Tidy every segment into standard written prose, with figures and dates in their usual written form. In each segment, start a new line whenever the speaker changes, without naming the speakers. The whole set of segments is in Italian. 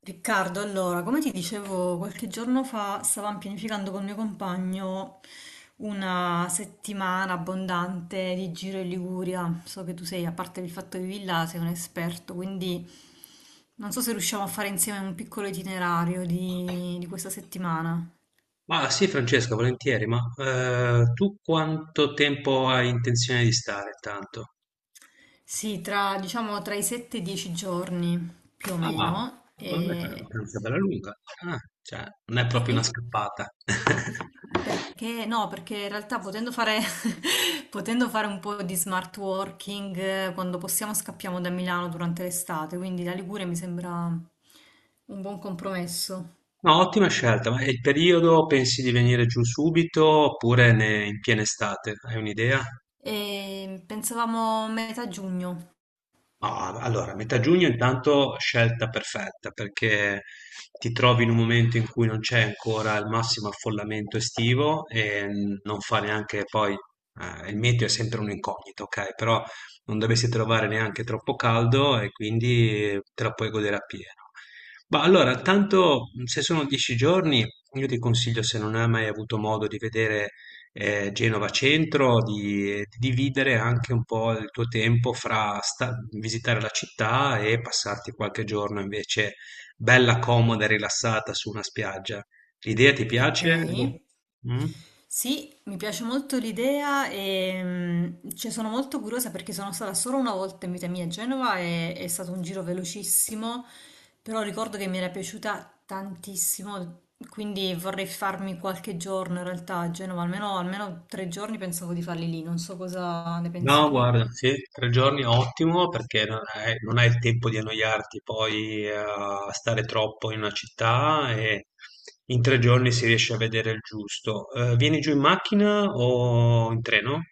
Riccardo, allora, come ti dicevo qualche giorno fa, stavamo pianificando col mio compagno una settimana abbondante di giro in Liguria. So che tu sei, a parte il fatto che vivi là, sei un esperto, quindi non so se riusciamo a fare insieme un piccolo itinerario di questa settimana.
Ma sì, Francesca, volentieri, ma tu quanto tempo hai intenzione di stare tanto?
Sì, tra, diciamo, tra i 7 e i 10 giorni, più o
Ah,
meno.
vabbè, è una vacanza bella lunga. Ah, cioè, non è proprio una
Sì?
scappata.
Perché no, perché in realtà potendo fare, potendo fare un po' di smart working, quando possiamo scappiamo da Milano durante l'estate, quindi la Liguria mi sembra un buon compromesso.
No, ottima scelta, ma il periodo pensi di venire giù subito oppure in piena estate? Hai un'idea?
E pensavamo metà giugno.
Ma allora, metà giugno intanto scelta perfetta perché ti trovi in un momento in cui non c'è ancora il massimo affollamento estivo e non fa neanche poi, il meteo è sempre un incognito, ok? Però non dovresti trovare neanche troppo caldo e quindi te la puoi godere appieno. Ma allora, tanto se sono 10 giorni, io ti consiglio se non hai mai avuto modo di vedere Genova Centro, di dividere anche un po' il tuo tempo fra sta visitare la città e passarti qualche giorno invece bella, comoda e rilassata su una spiaggia. L'idea ti
Ok.
piace? Boh. Mm?
Sì, mi piace molto l'idea e cioè, sono molto curiosa perché sono stata solo una volta in vita mia a Genova e è stato un giro velocissimo, però ricordo che mi era piaciuta tantissimo, quindi vorrei farmi qualche giorno in realtà a Genova, almeno, almeno 3 giorni pensavo di farli lì, non so cosa ne pensi
No,
tu.
guarda, sì, 3 giorni è ottimo perché non hai il tempo di annoiarti poi a stare troppo in una città e in 3 giorni si riesce a vedere il giusto. Vieni giù in macchina o in treno?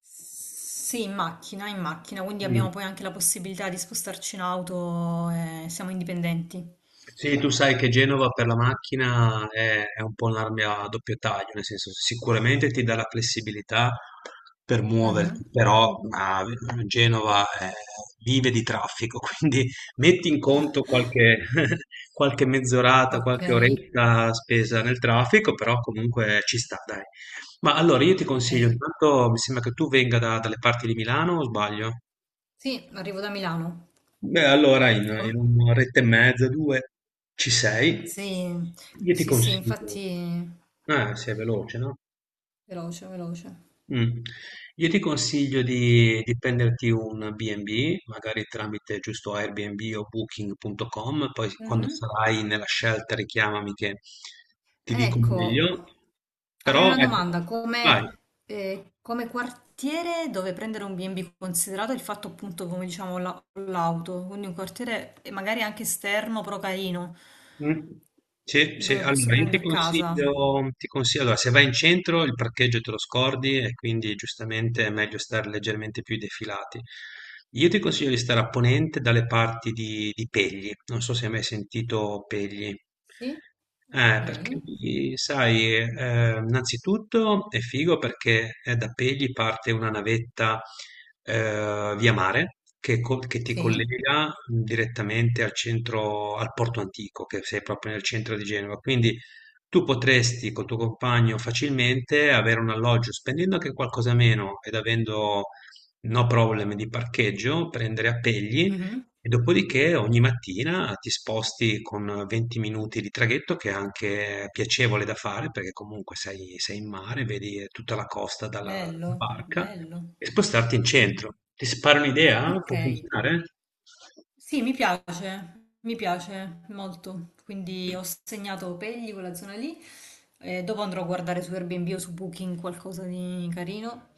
Sì, in macchina, quindi abbiamo poi anche la possibilità di spostarci in auto e siamo indipendenti.
Sì, tu sai che Genova per la macchina è un po' un'arma a doppio taglio, nel senso sicuramente ti dà la flessibilità per muoverti,
Mhm.
però Genova vive di traffico, quindi metti in conto qualche, qualche mezz'orata,
Ok.
qualche oretta spesa nel traffico, però comunque ci sta, dai. Ma allora io ti
Ok.
consiglio, intanto mi sembra che tu venga dalle parti di Milano o sbaglio?
Sì, arrivo da Milano.
Beh, allora in
Com-
un'oretta e mezza, due, ci sei.
sì,
Io ti
sì, sì,
consiglio,
infatti,
ah, sei veloce, no?
veloce, veloce.
Mm. Io ti consiglio di prenderti un B&B, magari tramite giusto Airbnb o Booking.com, poi quando
Mhm.
sarai nella scelta richiamami che ti dico
Ecco,
meglio.
avrei
Però
una
ecco,
domanda.
vai.
Come, come quartiere dove prendere un B&B, considerato il fatto appunto, come diciamo, l'auto, quindi un quartiere magari anche esterno, però carino,
Mh. Sì, sì,
dove posso
allora io ti
prendere casa?
consiglio ti consi allora se vai in centro il parcheggio te lo scordi e quindi giustamente è meglio stare leggermente più defilati. Io ti consiglio di stare a ponente dalle parti di Pegli, non so se hai mai sentito Pegli.
Sì,
Perché
ok,
lì sai, innanzitutto è figo perché, da Pegli parte una navetta via mare che ti
sì.
collega direttamente al centro, al porto antico, che sei proprio nel centro di Genova. Quindi tu potresti col tuo compagno facilmente avere un alloggio spendendo anche qualcosa meno ed avendo no problem di parcheggio, prendere a Pegli
Mhm.
e dopodiché ogni mattina ti sposti con 20 minuti di traghetto, che è anche piacevole da fare, perché comunque sei in mare, vedi tutta la costa dalla
Bello,
barca,
bello.
e spostarti in centro.
Mhm.
Ti sparo un'idea?
Ok,
Può funzionare?
sì, mi piace molto. Quindi ho segnato Pegli, quella zona lì. E dopo andrò a guardare su Airbnb o su Booking qualcosa di carino.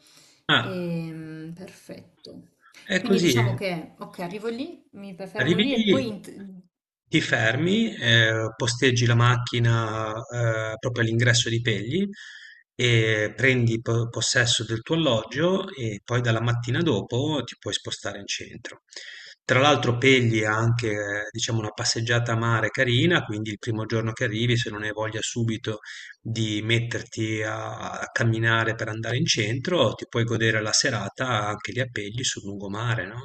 Ah,
Perfetto.
è
Quindi diciamo
così.
che, ok, arrivo lì, mi fermo
Arrivi
lì e poi
lì,
in-
ti fermi, posteggi la macchina, proprio all'ingresso di Pegli e prendi possesso del tuo alloggio e poi dalla mattina dopo ti puoi spostare in centro. Tra l'altro Pegli ha anche, diciamo, una passeggiata a mare carina, quindi il primo giorno che arrivi, se non hai voglia subito di metterti a camminare per andare in centro, ti puoi godere la serata anche lì a Pegli sul lungomare, no?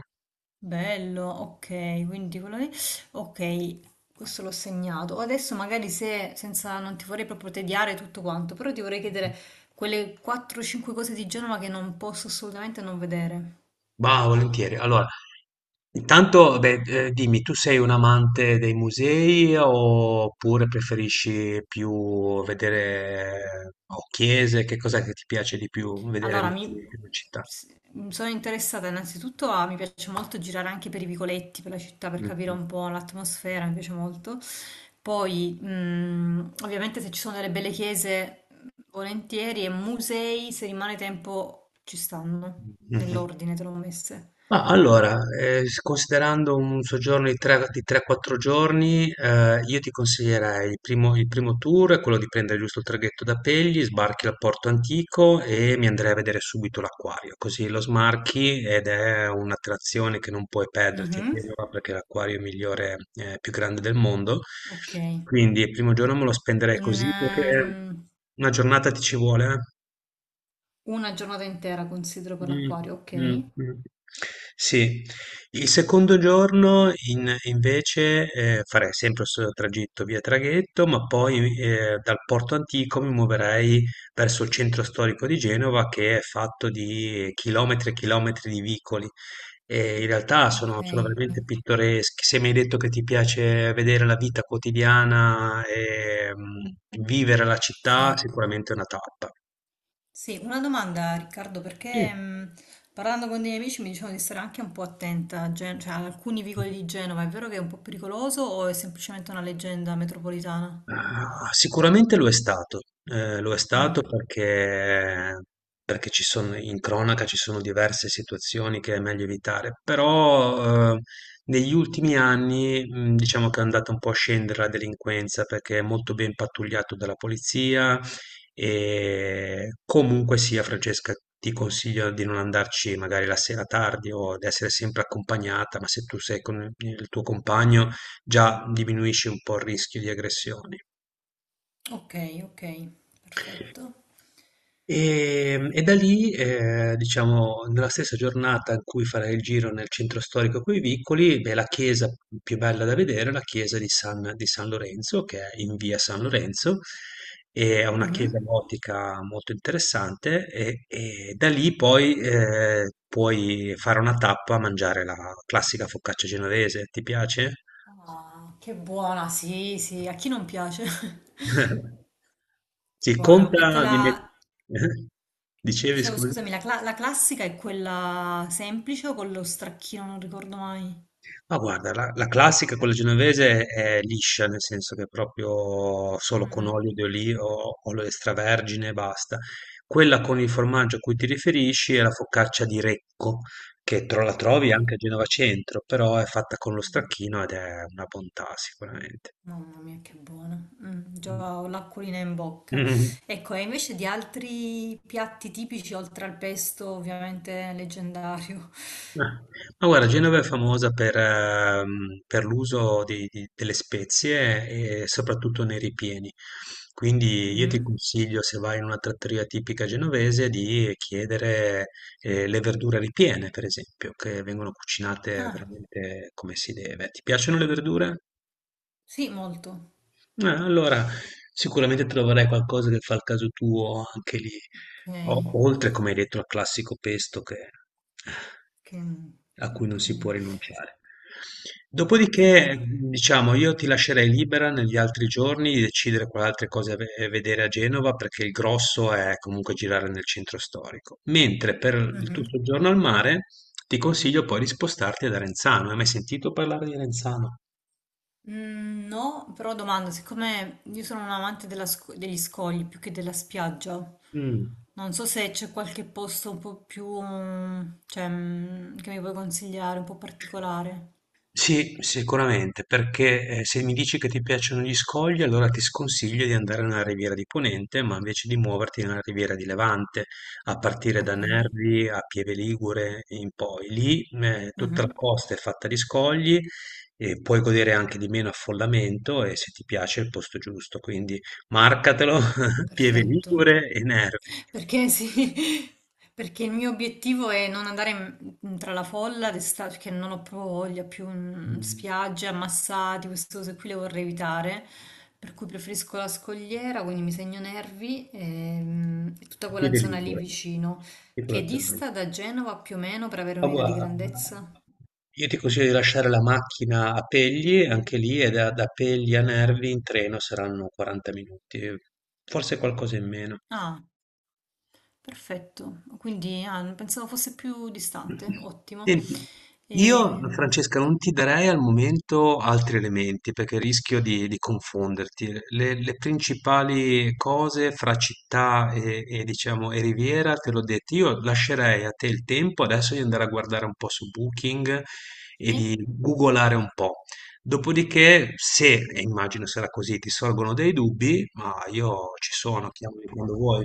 Bello, ok, quindi quello lì, ok, questo l'ho segnato. Adesso magari se, senza, non ti vorrei proprio tediare tutto quanto, però ti vorrei chiedere quelle 4-5 cose di Genova che non posso assolutamente non vedere.
Va, volentieri. Allora, intanto, beh, dimmi, tu sei un amante dei musei oppure preferisci più vedere o chiese? Che cos'è che ti piace di più vedere
Allora,
nella città?
s- mi sono interessata innanzitutto a, mi piace molto girare anche per i vicoletti, per la città, per capire
Mm.
un po' l'atmosfera, mi piace molto. Poi, ovviamente se ci sono delle belle chiese, volentieri, e musei, se rimane tempo, ci stanno,
Mhm.
nell'ordine te l'ho messe.
Ma allora, considerando un soggiorno di 3-4 giorni, io ti consiglierei il primo tour, è quello di prendere giusto il traghetto da Pegli, sbarchi al Porto Antico e mi andrei a vedere subito l'acquario, così lo smarchi ed è un'attrazione che non puoi perderti, è
Mhm.
vero, perché è l'acquario migliore, più grande del mondo.
Ok.
Quindi il primo giorno me lo spenderei così perché
Ehm,
una giornata ti ci vuole, eh.
una giornata intera considero per
Mh,
l'acquario,
mh,
ok?
mh. Sì, il secondo giorno in invece, farei sempre lo stesso tragitto via traghetto, ma poi, dal porto antico mi muoverei verso il centro storico di Genova che è fatto di chilometri e chilometri di vicoli. E in realtà sono
Ok,
sono veramente pittoreschi. Se mi hai detto che ti piace vedere la vita quotidiana e, vivere la città,
sì.
sicuramente è una tappa.
Sì, una domanda Riccardo, perché parlando con dei miei amici mi dicevano di stare anche un po' attenta cioè, ad alcuni vicoli
Mm.
di Genova, è vero che è un po' pericoloso o è semplicemente una leggenda metropolitana?
Ah, sicuramente lo è stato
Mm.
perché, in cronaca ci sono diverse situazioni che è meglio evitare, però negli ultimi anni diciamo che è andata un po' a scendere la delinquenza perché è molto ben pattugliato dalla polizia e comunque sia, Francesca, ti consiglio di non andarci magari la sera tardi o di essere sempre accompagnata, ma se tu sei con il tuo compagno già diminuisce un po' il rischio di aggressioni.
Ok, ok, perfetto.
E da lì, diciamo, nella stessa giornata in cui farai il giro nel centro storico coi vicoli, beh, la chiesa più bella da vedere è la chiesa di San Lorenzo, che è in via San Lorenzo, è una chiesa
Mhm.
gotica molto interessante. E da lì poi puoi fare una tappa a mangiare la classica focaccia genovese. Ti piace?
Ah, che buona, sì, sì, a chi non piace?
Sì,
Buona, è
conta di mettere.
quella,
Dicevi,
dicevo
scusa.
scusami, la, la classica è quella semplice o con lo stracchino, non ricordo mai.
Ma guarda, la classica, quella genovese, è liscia, nel senso che è proprio solo con
Mhm.
olio di olivo, olio extravergine e basta. Quella con il formaggio a cui ti riferisci è la focaccia di Recco, che la
Ah,
trovi anche a
greco.
Genova Centro, però è fatta con lo stracchino ed è una bontà sicuramente.
Mamma mia, che buona. Già ho l'acquolina in bocca. Ecco, e invece di altri piatti tipici, oltre al pesto, ovviamente leggendario.
Ah, ma guarda, Genova è famosa per, l'uso delle spezie e soprattutto nei ripieni. Quindi io ti
Mhm.
consiglio, se vai in una trattoria tipica genovese, di chiedere le verdure ripiene, per esempio, che vengono cucinate
Ah,
veramente come si deve. Ti piacciono le verdure?
sì, molto.
Allora, sicuramente troverai qualcosa che fa il caso tuo anche lì.
Ok,
Oltre, come hai detto, al classico pesto che eh,
che-
a cui non
ok.
si può rinunciare.
Ottimo.
Dopodiché, diciamo, io ti lascerei libera negli altri giorni di decidere quali altre cose ve vedere a Genova, perché il grosso è comunque girare nel centro storico. Mentre per il tuo
Mhm.
soggiorno al mare, ti consiglio poi di spostarti ad Arenzano. Hai mai sentito parlare di Arenzano?
Mm, no, però domanda, siccome io sono un amante della degli scogli più che della spiaggia,
Mh.
non so se c'è qualche posto un po' più, cioè, che mi puoi consigliare, un po' particolare.
Sì, sicuramente, perché se mi dici che ti piacciono gli scogli, allora ti sconsiglio di andare nella Riviera di Ponente, ma invece di muoverti nella Riviera di Levante, a partire da
Ok,
Nervi a Pieve Ligure e in poi. Lì tutta la
mhm.
costa è fatta di scogli e puoi godere anche di meno affollamento e se ti piace è il posto giusto, quindi marcatelo, Pieve
Perfetto.
Ligure e Nervi.
Perché sì, perché il mio obiettivo è non andare tra la folla d'estate, perché non ho proprio voglia più
Mm,
spiagge, ammassati, queste cose qui le vorrei evitare, per cui preferisco la scogliera, quindi mi segno Nervi e, tutta quella
Pieve
zona lì
Ligure,
vicino,
tutta
che
la zona.
dista da Genova più o meno per avere
Ma
un'idea di
guarda,
grandezza.
io ti consiglio di lasciare la macchina a Pegli, anche lì è da Pegli a Nervi in treno saranno 40 minuti, forse qualcosa in meno.
Ah, perfetto. Quindi ah, pensavo fosse più distante, ottimo.
Senti, io
Ehm,
Francesca non ti darei al momento altri elementi perché rischio di confonderti. Le principali cose fra città e, diciamo e riviera te l'ho detto, io lascerei a te il tempo adesso di andare a guardare un po' su Booking e
Sì.
di googolare un po'. Dopodiché, se, e immagino sarà così, ti sorgono dei dubbi, ma io ci sono, chiamami quando vuoi.